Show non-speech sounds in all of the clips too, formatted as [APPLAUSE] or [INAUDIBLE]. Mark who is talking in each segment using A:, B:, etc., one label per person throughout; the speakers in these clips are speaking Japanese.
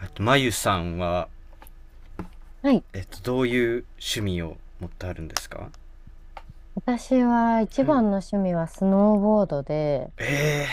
A: あと、まゆさんは、
B: はい。
A: どういう趣味を持ってあるんですか？
B: 私は一
A: はい。
B: 番の趣味はスノーボードで、
A: え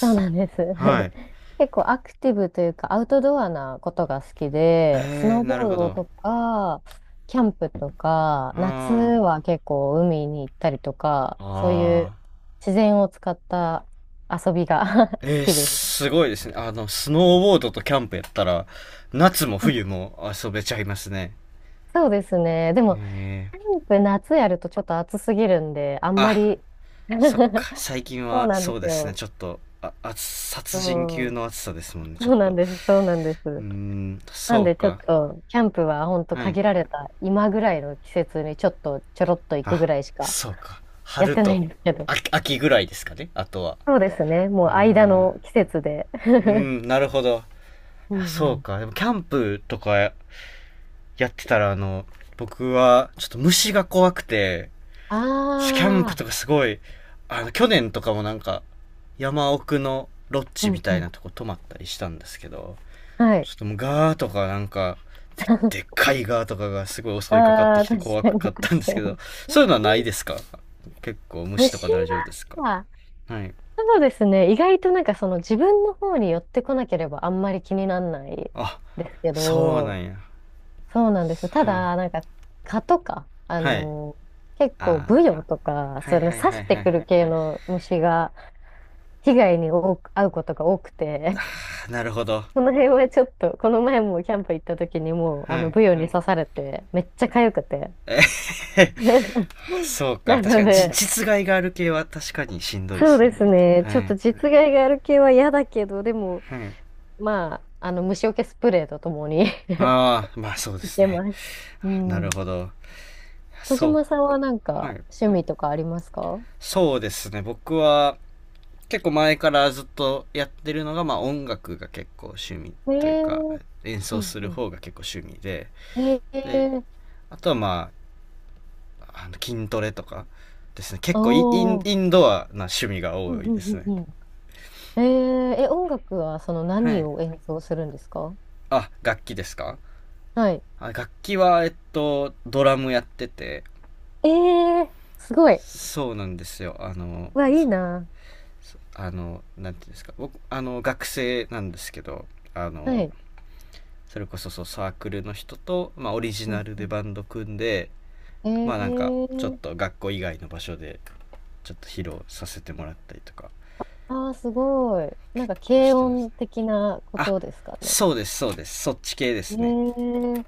B: そうなんです。
A: はい。
B: [LAUGHS] 結構アクティブというかアウトドアなことが好きで、ス
A: えー、
B: ノーボ
A: なるほ
B: ード
A: ど。
B: とか、キャンプとか、夏
A: あー、あ、
B: は結構海に行ったりとか、そうい
A: あ。
B: う自然を使った遊びが [LAUGHS] 好
A: えー、
B: きです。
A: すごいですね。あの、スノーボードとキャンプやったら、夏も
B: はい、
A: 冬も遊べちゃいますね。
B: そうですね。でも、
A: えー、
B: キャンプ夏やるとちょっと暑すぎるんで、あん
A: あ、
B: まり。 [LAUGHS]
A: そっか。最近
B: そう
A: は、
B: なん
A: そ
B: で
A: う
B: す
A: ですね。
B: よ。
A: ちょっと、あ、殺人
B: そ
A: 級
B: う、
A: の暑さですもんね、ちょ
B: そ
A: っ
B: うな
A: と。
B: んです。そうなんです。
A: うーん、
B: な
A: そ
B: ん
A: う
B: でちょっ
A: か。
B: と、キャンプはほんと
A: はい。
B: 限られた今ぐらいの季節にちょっとちょろっと行くぐ
A: あ、
B: らいしか
A: そうか。
B: やっ
A: 春
B: てない
A: と
B: んですけど。
A: 秋ぐらいですかね、あとは。
B: そうですね。もう間
A: あ、
B: の季節で。
A: う
B: [LAUGHS]
A: ん、なるほど。
B: う
A: そ
B: んう
A: う
B: ん。
A: か。でも、キャンプとかやってたら、あの、僕は、ちょっと虫が怖くて、キャンプ
B: ああ、
A: とかすごい、あの、去年とかもなんか、山奥のロッ
B: う
A: ジみ
B: ん
A: た
B: う
A: い
B: ん。
A: なとこ泊まったりしたんですけど、
B: は
A: ち
B: い。
A: ょっともうガーとかなんか、で、でっ
B: [LAUGHS]
A: かいガーとかがすごい襲いかかって
B: ああ、
A: きて
B: 確
A: 怖
B: かに
A: かったんで
B: 確か
A: すけど、
B: に。
A: そういうのはないですか？結構虫とか
B: 虫
A: 大丈夫ですか？
B: は、
A: はい。
B: そうですね。意外となんかその自分の方に寄ってこなければあんまり気にならない
A: あ、
B: ですけ
A: そうな
B: ど、
A: んや。
B: そうなんですよ。た
A: はい。
B: だ、なんか、蚊とか、あ
A: はい。
B: のー結構、
A: あ
B: ブヨとか、
A: ー、はい
B: その
A: はい
B: 刺
A: は
B: し
A: い
B: て
A: は
B: く
A: い。
B: る系の虫が、被害に多く遭うことが多くて、[LAUGHS]
A: [LAUGHS] あ、なるほど。
B: この辺はちょっと、この前もキャンプ行った時にもう、あ
A: は
B: の、
A: い。
B: ブヨに刺されて、めっちゃ痒くて。[LAUGHS]
A: [LAUGHS] そうか。
B: な
A: 確
B: の
A: かに、
B: で、
A: 実害がある系は確かにしんどいで
B: そう
A: す
B: で
A: ね。
B: すね、ちょ
A: は
B: っと
A: い。
B: 実害がある系は嫌だけど、でも、
A: はい。
B: まあ、あの、虫除けスプレーとともに [LAUGHS]
A: ああ、まあそうで
B: い
A: す
B: け
A: ね。
B: ます。う
A: なる
B: ん。
A: ほど。
B: 小
A: そ
B: 島さんはなん
A: う。は
B: か、
A: い。
B: 趣味とかありますか？
A: そうですね。僕は結構前からずっとやってるのが、まあ、音楽が結構趣味
B: え
A: という
B: え、
A: か、演
B: う
A: 奏
B: ん
A: す
B: う
A: る
B: ん。
A: 方が結構趣味で、
B: え
A: で、
B: え、
A: あとはまああの筋トレとかですね。結構イイン
B: おー。
A: インドアな趣味が
B: う
A: 多
B: ん
A: い
B: う
A: です
B: ん
A: ね。
B: うんうん。え、ええ、音楽はその
A: は
B: 何
A: い。
B: を演奏するんですか？
A: あ、楽器ですか？
B: はい。
A: あ、楽器はドラムやってて。
B: え、え、すごい。
A: そうなんですよ。あの
B: うわ、い
A: そ
B: いな。
A: そあの、なんていうんですか、僕あの学生なんですけど、あ
B: は
A: の、
B: い。
A: それこそサークルの人と、まあ、オリジ
B: う
A: ナ
B: ん
A: ル
B: う
A: で
B: ん。
A: バンド組んで、まあなんか
B: え
A: ちょっ
B: え、
A: と学校以外の場所でちょっと披露させてもらったりとか
B: ああー、すごい。な
A: 結
B: んか
A: 構し
B: 軽
A: てます。
B: 音的なこ
A: あ、
B: とですかね。
A: そうです、そうです。そっち系で
B: え、
A: すね。
B: え、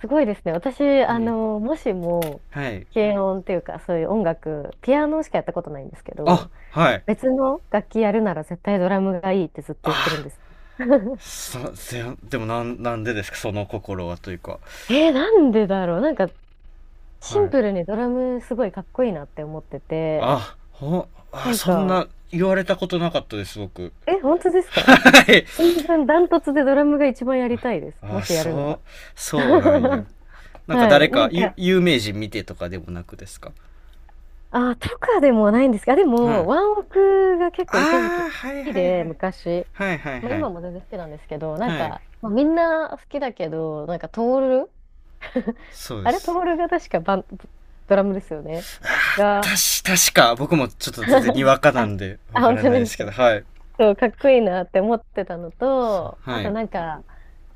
B: すごいですね。私、あ
A: はい。
B: の、もしも、
A: はい。
B: 軽音っていうか、そういう音楽、ピアノしかやったことないんですけ
A: あ、
B: ど、
A: はい。
B: 別の楽器やるなら絶対ドラムがいいってずっと言ってるん
A: あ、
B: です。[LAUGHS]
A: さ、せんでもなん、なんでですか、その心はというか。
B: なんでだろう、なんか、シ
A: は
B: ン
A: い。
B: プルにドラムすごいかっこいいなって思ってて、
A: あ、
B: な
A: あ、
B: ん
A: そん
B: か、
A: な言われたことなかったです、僕。
B: え、本当です
A: は
B: か？
A: い。
B: 全然ダントツでドラムが一番やりたいです。も
A: あ、
B: しやるなら。
A: そうなんや。
B: [LAUGHS]
A: なんか
B: は
A: 誰
B: い。な
A: か、
B: んか、
A: 有名人見てとかでもなくですか？
B: あ、とかでもないんですが、で
A: は
B: も、
A: い。
B: ワンオクが結構一時期
A: あ
B: 好
A: あ、はい
B: き
A: はいは
B: で、
A: い。
B: 昔。
A: はいはい
B: まあ
A: はい。
B: 今も全然好きなんですけど、なん
A: はい。
B: か、まあみんな好きだけど、なんか、トール。 [LAUGHS]
A: そうで
B: あれ、ト
A: す。
B: モルが確かバン、ドラムですよね。が、
A: 確か、僕もちょっと全然にわ
B: [LAUGHS]
A: か
B: あ、
A: なんで、
B: あ、
A: わか
B: 本
A: ら
B: 当
A: ないで
B: です
A: すけ
B: か。
A: ど、はい。
B: そう、かっこいいなって思ってたのと、あ
A: は
B: と
A: い。
B: なんか、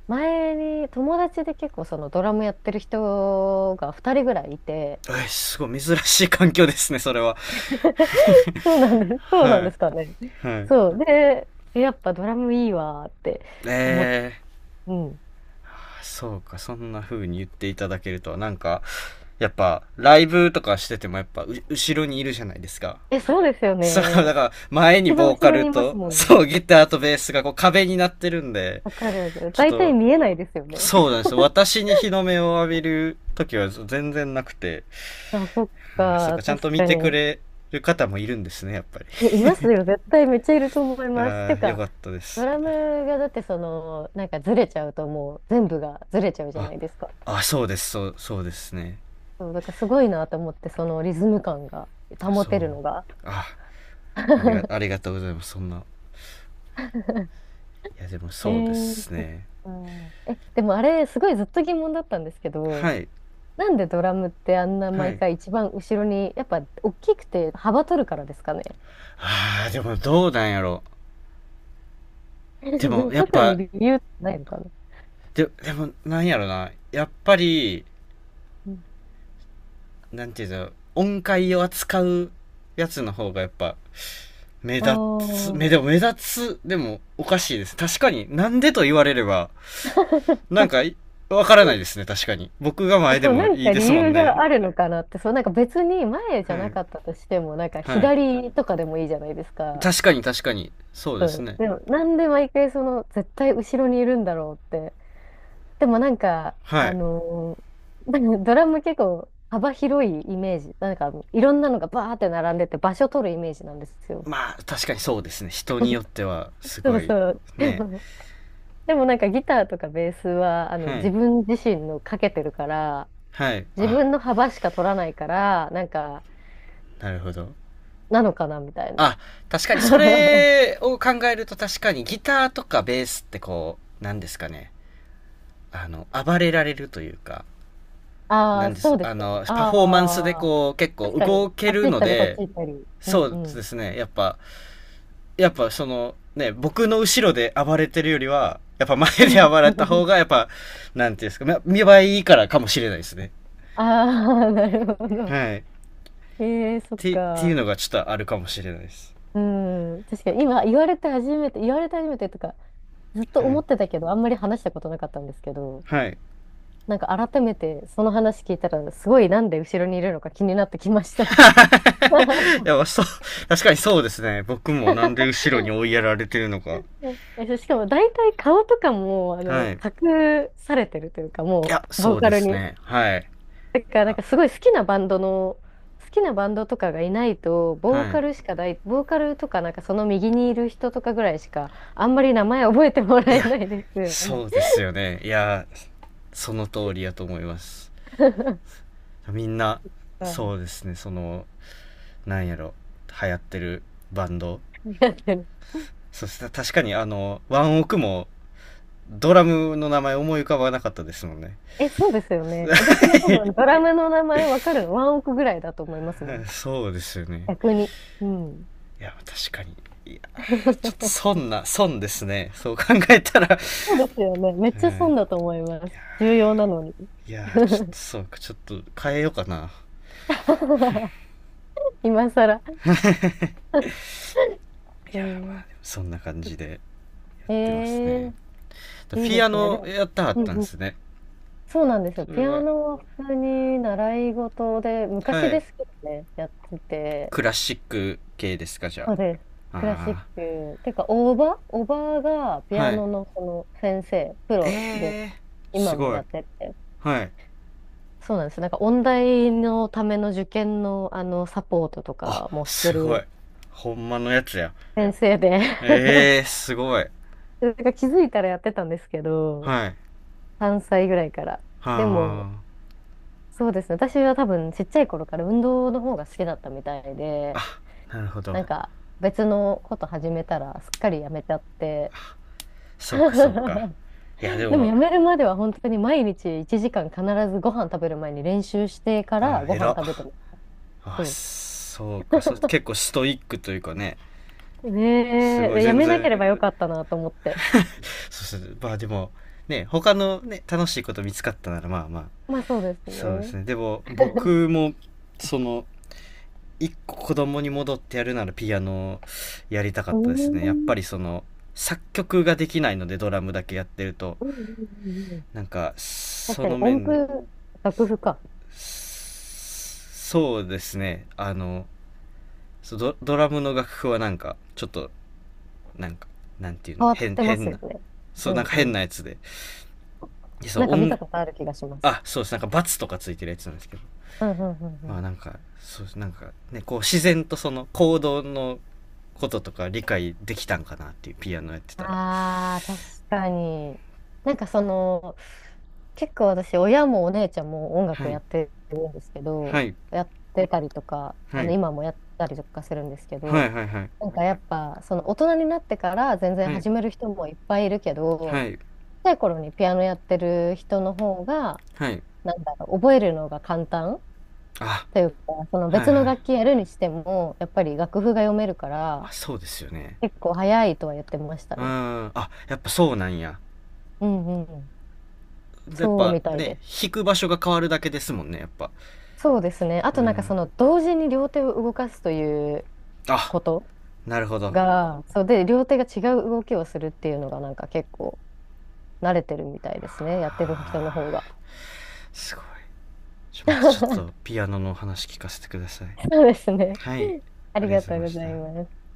B: 前に友達で結構そのドラムやってる人が2人ぐらいいて、
A: え、すごい珍しい環境ですね、それは。
B: [LAUGHS] そうなんです。そうなん
A: は
B: で
A: い。
B: すかね。
A: はい。
B: そう。で、やっぱドラムいいわーって思って。
A: えー。
B: うん。
A: そうか、そんな風に言っていただけるとは、なんか、やっぱ、ライブとかしててもやっぱ、後ろにいるじゃないですか。
B: え、そうですよ
A: そう、[LAUGHS] だか
B: ね。
A: ら、前に
B: 一番
A: ボー
B: 後
A: カ
B: ろ
A: ル
B: にいます
A: と、
B: もん
A: そ
B: ね。
A: う、ギターとベースがこう壁になってるんで、
B: わかるわかる。
A: ちょっ
B: 大体
A: と、
B: 見えないですよね。
A: そうなんですよ。私に日の目を浴びる時は全然なくて、
B: あ、そっ
A: ああ、そっ
B: か、
A: か、ちゃんと
B: 確
A: 見
B: か
A: てく
B: に。
A: れる方もいるんですね、やっぱり。
B: い、いますよ、絶対めっちゃいると思います。てい
A: あ
B: う
A: あ、よ
B: か、
A: かったで
B: ド
A: す。
B: ラムがだってその、なんかずれちゃうともう全部がずれちゃうじゃ
A: あ、
B: ないですか。
A: あ、そうです、そうですね。
B: そう、だからすごいなと思って、そのリズム感が
A: あ、
B: 保
A: そう。
B: てるのが。
A: あ、
B: [LAUGHS]
A: ありがとうございます、そんな。いや、でも
B: え
A: そうで
B: ー、
A: す
B: そっ
A: ね。
B: か。え、でもあれ、すごいずっと疑問だったんですけど、
A: はい、
B: なんでドラムってあんな
A: は
B: 毎
A: い。
B: 回一番後ろに、やっぱ大きくて幅取るからですかね。
A: ああ、でもどうなんやろ。でも、
B: [LAUGHS]
A: やっ
B: 特に
A: ぱ、
B: 理由ないのかな。
A: でも、なんやろな。やっぱり、
B: うん、
A: なんていうんだろう、音階を扱うやつの方がやっぱ、目
B: あ
A: 立つ、でも
B: あ。
A: 目立つ、でもおかしいです。確かに、なんでと言われれば、なんかわからないですね、確かに。僕が
B: え、
A: 前で
B: そう、な
A: も
B: ん
A: いい
B: か
A: です
B: 理
A: もん
B: 由
A: ね。
B: があるのかなって、そう、なんか別に前じゃ
A: は
B: な
A: い。
B: かったとしても、なんか
A: はい。
B: 左とかでもいいじゃないですか。
A: 確かに確かに。そう
B: う
A: です
B: ん。
A: ね。
B: でも、なんで毎回その、絶対後ろにいるんだろうって。でもなんか、
A: は
B: あ
A: い。
B: のーなんか [LAUGHS] ドラム結構幅広いイメージ。なんか、いろんなのがバーって並んでて場所取るイメージなんですよ。
A: まあ、確かにそうですね。人によっては、す
B: そ
A: ご
B: う
A: い、
B: そう。で
A: ね。
B: も、でもなんかギターとかベースは、あの、
A: は
B: 自
A: い。
B: 分自身のかけてるから、
A: はい。
B: 自
A: あ、
B: 分の幅しか取らないから、なんか、
A: なるほど。
B: なのかなみたいな。
A: あ、確かに、そ
B: [LAUGHS]
A: れを考えると確かに、ギターとかベースってこう、なんですかね。あの、暴れられるというか、
B: あ
A: な
B: あ、
A: んで
B: そう
A: す。
B: で
A: あ
B: すよね。
A: の、パフォーマンスで
B: ああ、
A: こう、結
B: 確
A: 構
B: かに、
A: 動け
B: あっち
A: る
B: 行っ
A: の
B: たり、こっち
A: で、
B: 行ったり。う
A: そ
B: んう
A: うで
B: ん。
A: すね。やっぱ、やっぱその、ね、僕の後ろで暴れてるよりは、やっぱ前で暴れた方
B: [LAUGHS]
A: が、やっぱ、なんていうんですか、見栄えいいからかもしれないですね。
B: ああ、なるほど。
A: はい。
B: ええ、そっ
A: っていう
B: か。
A: のがちょっとあるかもしれないです。
B: うん。確かに、今、言われて初めて、言われて初めてとか、ずっと
A: は
B: 思
A: い。
B: ってたけど、あんまり話したことなかったんですけど、
A: はい。
B: なんか改めてその話聞いたら、すごいなんで後ろにいるのか気になってきました。
A: [LAUGHS] い
B: [LAUGHS]
A: や、そう、確かにそうですね。僕もなんで後ろに追いやられてるのか。
B: え、そうしかも大体顔とかも、あ
A: は
B: の、
A: い。い
B: 隠されてるというか、も
A: や、
B: う、ボ
A: そ
B: ー
A: う
B: カ
A: で
B: ル
A: す
B: に。
A: ね。はい。
B: だからなん
A: あ、
B: かすごい好きなバンドの、好きなバンドとかがいないと、ボー
A: は
B: カルしかない、ボーカルとかなんかその右にいる人とかぐらいしか、あんまり名前覚えても
A: い。
B: ら
A: い
B: え
A: や、
B: ないですよ
A: そ
B: ね。
A: うですよね。いや、その通りやと思います。
B: [LAUGHS]
A: みんな、
B: う
A: そ
B: ん、
A: うですね、その、なんやろ、流行ってるバンド
B: やってる。
A: そしたら確かに、あの、ワンオクもドラムの名前思い浮かばなかったですもんね。
B: え、そうですよね。私も多分ドラムの名前わかるの、ワンオクぐらいだと思いますも
A: [LAUGHS]
B: ん。
A: そうですよね。
B: 逆に。うん。
A: いや確かに。いや、ちょっと
B: [LAUGHS]
A: 損な損ですね、そう考えたら。
B: そうですよね。めっ
A: [LAUGHS] う
B: ちゃ損
A: ん、
B: だと思います。重要なのに。
A: いやちょっとそうか、ちょっと変えようかな。
B: [LAUGHS] 今更。[LAUGHS]
A: い
B: え
A: やまあ、
B: ー、
A: でもそんな感じでやっ
B: え
A: てますね。
B: ー、いい
A: ピ
B: で
A: ア
B: すね。で
A: ノ
B: も、
A: やったはっ
B: うん
A: たん
B: う
A: です
B: ん、
A: ね。
B: そうなんですよ。
A: それ
B: ピア
A: は、
B: ノは普通に習い事で、
A: は
B: 昔で
A: い、
B: すけどね、やってて、
A: クラシック系ですか、じゃ
B: そうです。クラシッ
A: あ？あ
B: ク。てか、おば、おばがピ
A: あ、は
B: ア
A: い。
B: ノのその先生、プ
A: え
B: ロで、
A: え。ー、す
B: 今も
A: ご
B: や
A: い。
B: ってて。
A: はい。
B: そうなんです。なんか、音大のための受験の、あの、サポートと
A: あ、
B: かもして
A: すごい。
B: る
A: ほんまのやつや。
B: 先生で。
A: ええー、
B: [LAUGHS]
A: すごい。
B: なんか気づいたらやってたんですけど、
A: はい。
B: 3歳ぐらいから。でも、
A: はあ。
B: そうですね。私は多分ちっちゃい頃から運動の方が好きだったみたいで、
A: なるほど。
B: なんか別のこと始めたらすっかりやめちゃって。
A: そうか、そうか。
B: [LAUGHS]
A: いや、で
B: でも
A: も、
B: やめるまでは本当に毎日1時間必ずご飯食べる前に練習してから
A: あ、
B: ご
A: 偉
B: 飯
A: っ。
B: 食べてます。
A: あ、
B: そ
A: そうか。そう、結構ストイックというかね。
B: う。
A: す
B: ねえ、
A: ごい、
B: でや
A: 全
B: めなけ
A: 然。
B: ればよかったなと思って。
A: そうですね、まあでも、ね、他のね、楽しいこと見つかったなら、まあまあ。
B: まあそうです
A: そうです
B: ね。
A: ね。でも、
B: [LAUGHS]
A: 僕も、その、一個子供に戻ってやるならピアノをやりたかっ
B: う
A: たです
B: ー
A: ね。やっぱ
B: ん。
A: りその、作曲ができないのでドラムだけやってると、
B: うんうんうんうん、
A: なんか、
B: 確
A: そ
B: かに
A: の
B: 音
A: 面で、
B: 符、楽譜か。
A: そうですね。あの、ドラムの楽譜はなんか、ちょっと、なんか、なんていうの、
B: 変わってます
A: 変
B: よ
A: な、
B: ね。う
A: そう、なん
B: ん
A: か
B: う
A: 変
B: ん。
A: なやつで。でそ
B: なん
A: う、
B: か見
A: 音
B: たことある気がします。
A: あ、そうです。なんかバツとかついてるやつなんですけど。
B: うんうんう
A: まあ
B: ん、
A: なんかそう、なんかね、こう自然とその行動のこととか理解できたんかなっていう、ピアノやってたら。
B: ああ、確かに。なんかその、結構私、親もお姉ちゃんも音
A: は
B: 楽
A: い
B: やってるんですけ
A: は
B: ど、
A: い
B: やってたりとか、
A: は
B: あの、
A: い
B: 今もやったりとかするんですけ
A: は
B: ど、
A: い。はいはい
B: なんかやっぱ、その大人になってから全然
A: はい
B: 始める人もいっぱいいるけ
A: は
B: ど、小
A: い。
B: さい頃にピアノやってる人の方が、
A: はい。
B: なんだろう、覚えるのが簡単
A: あ、
B: というか、その
A: はい
B: 別の
A: はい。
B: 楽器やるにしても、やっぱり楽譜が読めるから、
A: あ、そうですよね。
B: 結構早いとは言ってました
A: うん。
B: ね。
A: あ、やっぱそうなんや。
B: うんうん。
A: やっ
B: そう
A: ぱ
B: みたい
A: ね、
B: です。
A: 弾く場所が変わるだけですもんね、やっぱ。
B: そうですね。あ
A: う
B: となんか
A: ん。
B: その同時に両手を動かすという
A: あ、
B: こと
A: なるほど。
B: が、そうで、両手が違う動きをするっていうのがなんか結構慣れてるみたいですね。やってる人の
A: あ
B: 方が。
A: ー、すごい。また、ちょっと
B: [LAUGHS]
A: ピアノのお話聞かせてください。
B: そうですね。
A: はい。
B: あ
A: あ
B: り
A: りが
B: が
A: とうござい
B: とう
A: ま
B: ご
A: し
B: ざ
A: た。
B: います。